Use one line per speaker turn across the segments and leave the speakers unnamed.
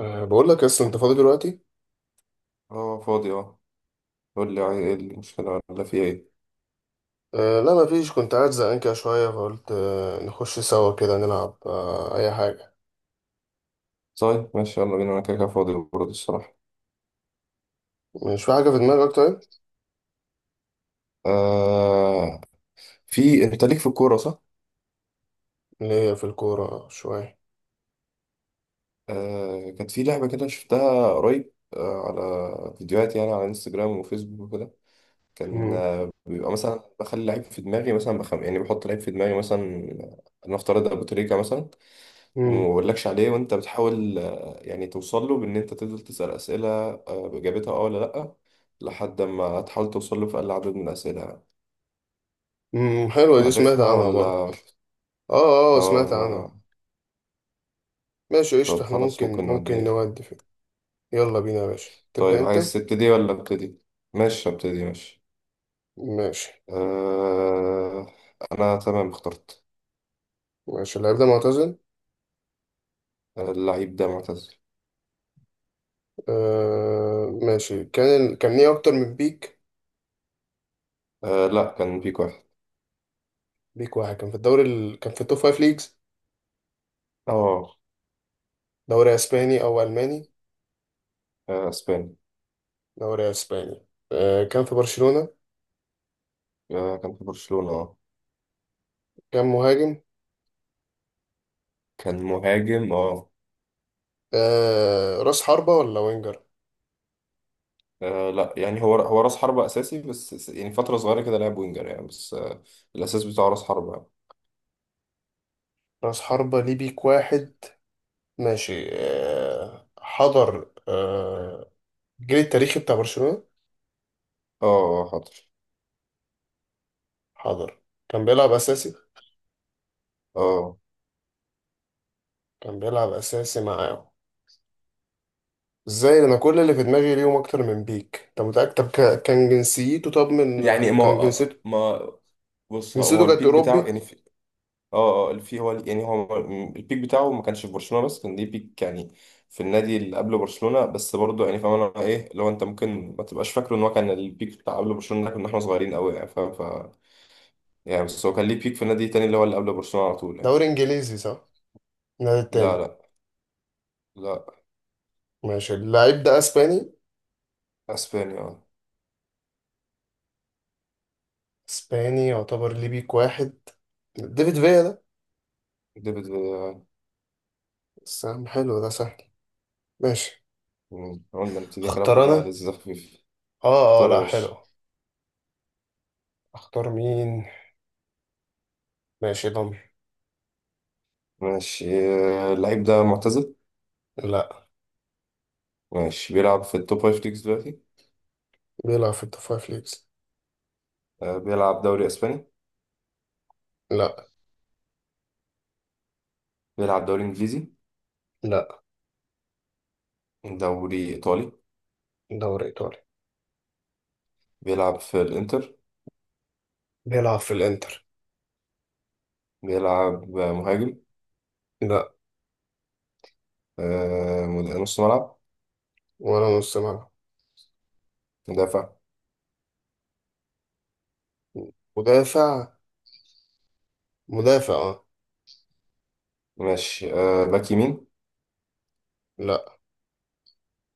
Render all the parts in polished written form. بقول لك اصلا انت فاضي دلوقتي؟
اه، فاضي اه. قول لي، عايز ايه؟ المشكلة ولا في ايه؟
لا، ما فيش. كنت قاعد زهقان كده شويه، فقلت نخش سوا كده نلعب اي حاجه.
طيب ماشي، يلا بينا، انا كده كده فاضي برضه الصراحة.
مش في حاجه في دماغك طيب؟
آه. في، انت ليك في الكورة صح؟
اللي هي في الكوره شويه.
آه، كانت في لعبة كده شفتها قريب، آه، على فيديوهات يعني، على انستجرام وفيسبوك وكده. كان،
امم
آه، بيبقى مثلا بخلي لعيب في دماغي مثلا، يعني بحط لعيب في دماغي مثلا. نفترض ابو تريكة مثلا. وما
امم
بقولكش عليه وانت بتحاول، يعني توصل له، بان انت تفضل تسأل اسئلة، باجابتها اه ولا لأ، لحد ما تحاول توصل له في اقل عدد من الاسئلة.
حلوه دي، سمعت
عارفها
عنها برضه.
ولا؟
اه اه،
اه
سمعت
ما...
عنها. ماشي قشطه،
طب
احنا
خلاص
ممكن
ممكن
ممكن
نوديها.
نودي فيه. يلا بينا يا باشا، تبدا
طيب
انت.
عايز تبتدي ولا ابتدي؟ ماشي ابتدي، ماشي.
ماشي
آه... انا تمام، اخترت.
ماشي. اللعيب ده معتزل.
آه، اللعيب ده معتزل.
أه ماشي، كان كان ليه اكتر من بيك.
آه لا، كان بيك واحد.
بيك واحد كان في الدوري كان في التوب فايف ليجز.
اه.
دوري اسباني او الماني؟
آه، اسباني.
دوري اسباني. آه، كان في برشلونة.
آه، كان في برشلونة اه.
كان مهاجم.
كان مهاجم اه.
آه، راس حربة ولا وينجر؟
آه لا، يعني هو راس حربة أساسي، بس يعني فترة صغيرة كده لعب وينجر يعني، بس آه الأساس بتاعه راس حربة يعني.
راس حربة ليه بيك واحد. ماشي، حضر، الجيل التاريخي بتاع برشلونة.
اه. آه، حاضر.
حضر. كان بيلعب اساسي.
اه.
كان بيلعب اساسي معاهم. ازاي؟ انا كل اللي في دماغي ليهم اكتر من بيك. انت متأكد؟ طب كان جنسيته؟ طب من
يعني
آه،
ما
كان
آه،
جنسيته؟
ما بص، هو
جنسيته كانت
البيك بتاعه
اوروبي.
يعني في. اه اه، في، هو يعني هو البيك بتاعه ما كانش في برشلونة، بس كان ليه بيك يعني في النادي اللي قبل برشلونة، بس برضه يعني فاهم انا ايه. لو انت ممكن ما تبقاش فاكره ان هو كان البيك بتاع قبل برشلونة، ده كنا احنا صغيرين قوي يعني فاهم. ف يعني بس هو كان ليه بيك في النادي التاني، اللي هو اللي قبل برشلونة على طول يعني.
دوري انجليزي صح؟ النادي
لا
التاني.
لا لا.
ماشي اللعيب ده اسباني.
اسبانيا اه.
اسباني، يعتبر ليه بيك واحد. ديفيد فيا ده؟
ديفيد.
بس يا عم، حلو ده سهل. ماشي.
مم. قلنا نبتدي كلام،
اختار
حاجة
انا.
لذيذة خفيفة.
اه اه،
طار يا
لا
باشا.
حلو. اختار مين؟ ماشي ضمير.
ماشي. آه، اللعيب ده معتزل.
لا.
ماشي، بيلعب في التوب فايف ليجز دلوقتي.
بيلعب في التوب فايف ليجز.
آه، بيلعب دوري أسباني.
لا.
بيلعب دوري إنجليزي.
لا.
دوري إيطالي.
دوري ايطالي.
بيلعب في الإنتر.
بيلعب في الانتر.
بيلعب آه، مهاجم.
لا.
آه، نص ملعب.
ولا نص ملعب.
مدافع.
مدافع. مدافع اه.
ماشي، آه، باك يمين.
لا.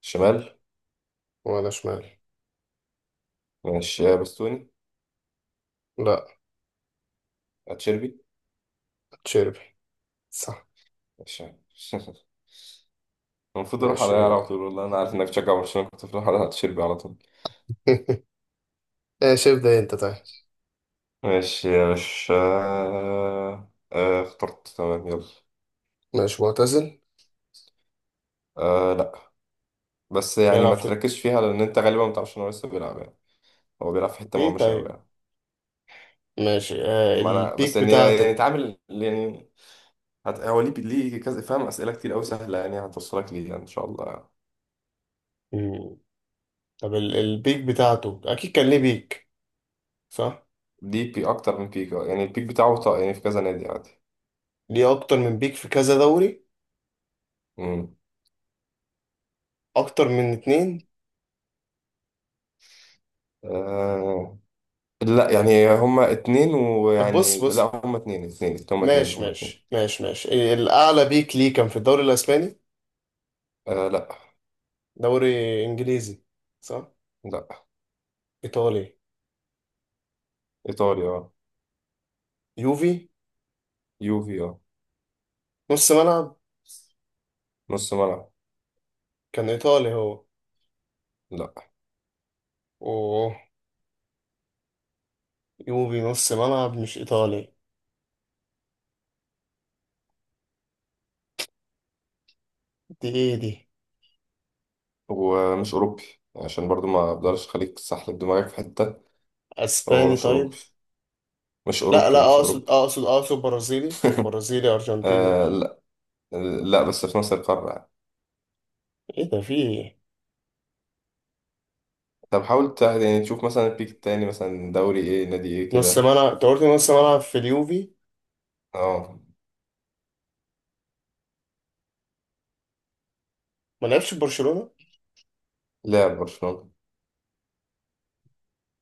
شمال.
ولا شمال.
ماشي، آه، بستوني.
لا.
أتشيربي.
تشيربي. صح.
ماشي. المفروض أروح على
ماشي.
طول. والله أنا عارف إنك تشجع برشلونة، كنت بروح على أتشيربي على طول.
ماشي ابدأ انت طيب.
ماشي يا باشا. اخترت تمام، يلا.
ماشي معتزل.
آه لا، بس يعني
بيلعب
ما
في.
تركزش فيها، لان انت غالبا ما تعرفش ان هو لسه بيلعب يعني. هو بيلعب في حته
ليه
مهمشه قوي
طيب؟
يعني.
ماشي،
ما انا بس
البيك
يعني
بتاعته.
اتعامل يعني. هو ليه كذا فاهم. اسئله كتير قوي سهله، يعني هتوصلك ليه يعني ان شاء الله يعني.
مم. طب البيك بتاعته اكيد كان ليه بيك. صح.
ليه بي اكتر من بيك يعني. يعني في كذا نادي عادي.
ليه اكتر من بيك في كذا دوري.
امم.
اكتر من اتنين.
آه لا يعني هما اتنين
طب بص
ويعني لا
بص.
هما اتنين.
ماشي ماشي ماشي ماشي. الاعلى بيك ليه كان في الدوري الاسباني.
آه لا.
دوري انجليزي صح؟
لا.
ايطالي.
ايطاليا آه.
يوفي.
يوفي.
نص ملعب.
اه، نص ملعب.
كان ايطالي هو؟
لا.
اوه. يوفي نص ملعب مش ايطالي. دي ايه دي؟
ومش أوروبي. عشان برضو ما أقدرش أخليك تسحلب دماغك في حتة. هو
اسباني
مش أوروبي
طيب؟
مش
لا
أوروبي
لا،
مش
اقصد
أوروبي.
اقصد اقصد برازيلي، برازيلي ارجنتيني.
آه لا. لا بس في نفس القارة يعني.
ايه ده، في ايه؟
طب حاول يعني تشوف مثلا البيك التاني مثلا دوري إيه، نادي إيه
نص
كده.
ملعب انت قلت نص ملعب في اليوفي.
اه،
ما لعبش في برشلونة.
لاعب برشلونة.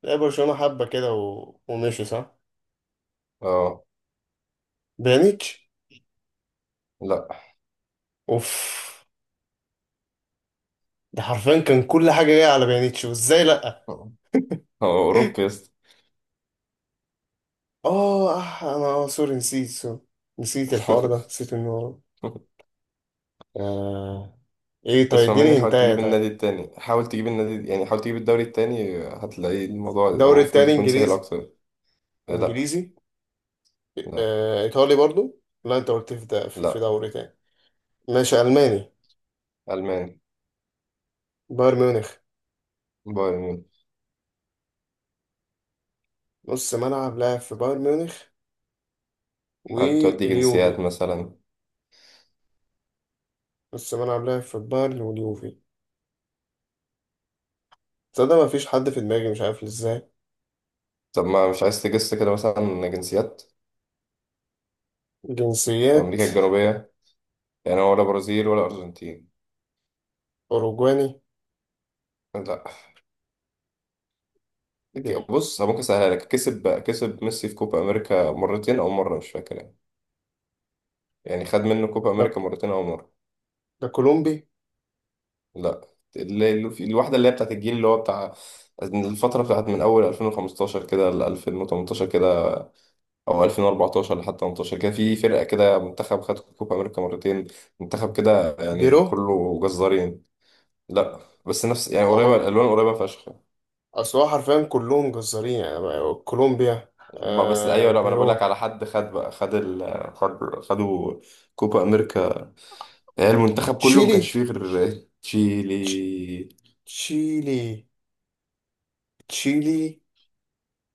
لعب برشلونة حبة كده ومشي صح.
اه.
بيانيتش.
لا.
اوف. ده حرفيا كان كل حاجة جاية على بيانيتش، وازاي لأ.
هو أوروبي يا اسطى.
اه، انا، سوري، نسيت، سوري. نسيت الحوار ده، نسيت انه ورا. آه. ايه طيب
اسمع مني،
اديني
حاول
هنتايا
تجيب
طيب.
النادي التاني، حاول تجيب النادي، يعني حاول تجيب الدوري التاني، هتلاقي الموضوع
الدوري
المفروض
التاني
يكون سهل
انجليزي؟
أكتر. آه، لا.
انجليزي.
لا.
آه. ايطالي برضو؟ لا انت قلت في ده في
لا.
دوري تاني. ماشي الماني.
ألماني.
بايرن ميونخ.
بايرن.
نص ملعب لاعب في بايرن ميونخ
هل تودي
واليوفي.
جنسيات مثلا؟
السنة اللي قبلها في البايرن واليوفي. تصدق مفيش حد في دماغي، مش عارف ازاي.
طب ما مش عايز تجس كده مثلا جنسيات في
جنسيات.
أمريكا الجنوبية يعني، ولا برازيل ولا أرجنتين؟
أوروجواني.
لا.
ايه ده؟
بص ممكن أسهلها لك. كسب ميسي في كوبا أمريكا مرتين أو مرة مش فاكر يعني. يعني خد منه كوبا
ده ك-
أمريكا مرتين أو مرة.
ده كولومبي.
لا. اللي، الواحدة اللي هي بتاعت الجيل اللي هو بتاع الفترة بتاعت من أول 2015 كده ل 2018 كده، أو 2014 لحد 18 كده، في فرقة كده منتخب خد كوبا أمريكا مرتين. منتخب كده يعني
بيرو.
كله جزارين. لا. بس نفس يعني قريبة،
هو.
الألوان قريبة فشخ.
أصل هو حرفيا كلهم جزارين يعني كولومبيا،
ما بس أيوة، لا ما أنا بقول لك
بيرو.
على حد، خد بقى، خد ال خد خدوا كوبا أمريكا. يعني المنتخب كله ما كانش
تشيلي.
فيه غير
تش-
تشيلي.
تشيلي. تشيلي.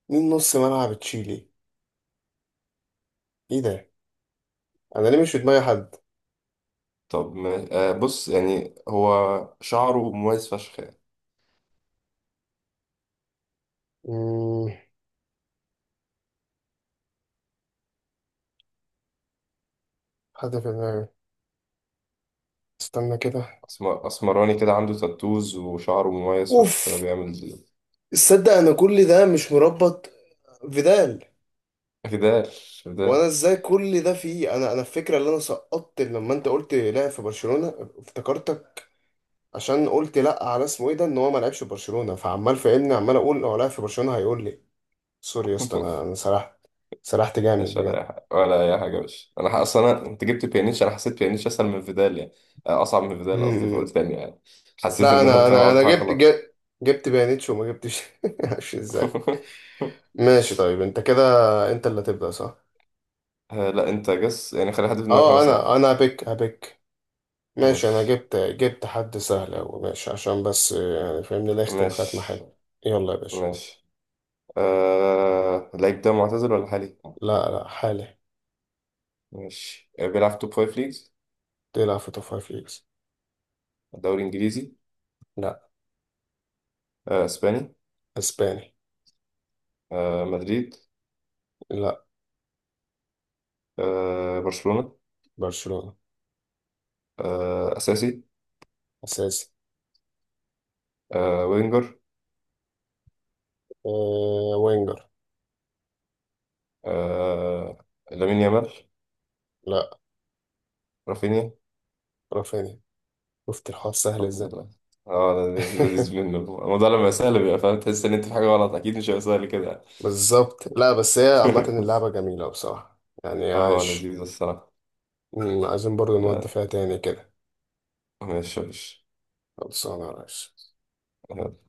مين نص ملعب تشيلي؟ ايه ده؟ أنا ليه مش في دماغي حد؟
طب ما آه بص يعني هو، شعره مميز فشخ يعني.
مم، حد في دماغي، استنى كده.
أسمراني كده، عنده تاتوز وشعره مميز
اوف.
فشخ، ده بيعمل كده.
تصدق انا كل ده مش مربط. فيدال.
بدال.
وانا
بدال.
ازاي كل ده فيه، انا الفكره اللي انا سقطت لما انت قلت لعب في برشلونه افتكرتك. عشان قلت لا على اسمه ايه ده، ان هو ما لعبش في برشلونه، فعمال فاهمني عمال اقول هو لعب في برشلونه، هيقول لي. سوري يا اسطى، انا انا سرحت. سرحت جامد
مش ولا
بجد.
أي حاجة، ولا أي حاجة. بس أنا أصلا أنا، أنت جبت بيانيتش، أنا حسيت بيانيتش أسهل من فيدال يعني، آه، أصعب من فيدال قصدي،
امم
فقلت تاني يعني. حسيت
لا،
إن أنا
انا
فاهم،
انا انا
عملت حاجة
جبت
غلط.
جبت, جبت بيانيتش، وما جبتش معرفش ازاي. ماشي طيب، انت كده؟ انت اللي هتبدا صح؟
آه، لا. أنت جس يعني، خلي حد في دماغك وأنا
اه، انا
أسألك.
انا هبيك. ماشي، انا
ماشي
جبت حد سهل أوي ماشي، عشان بس يعني فاهمني نختم ختمة
ماشي
حلوة. يلا يا باشا.
ماشي. آه... اللعيب ده معتزل ولا حالي؟
لا لا، حالي.
ماشي، آه، بيلعب توب فايف ليجز.
تلعب في توب فايف ليجز.
دوري إنجليزي؟
لا.
آه، إسباني.
اسباني.
آه، مدريد؟
لا.
آه، برشلونة.
برشلونة.
آه، أساسي.
اساسي.
آه، وينجر.
أه وينجر.
آه، لامين يامال.
لا.
رافينيا.
رافينيا. شفت الحوار سهل
الحمد
ازاي.
لله. اه. لذيذ منه الموضوع لما سهل، بيبقى فاهم، تحس ان انت في حاجه غلط، اكيد مش هيبقى سهل كده يعني.
بالظبط، لا بس هي عامة اللعبة جميلة بصراحة يعني
اه،
عايش.
لذيذ الصراحه.
عايزين برضو نودي
لا.
فيها تاني كده.
ماشي، ماشي.
خلصانة يا ريس.
آه.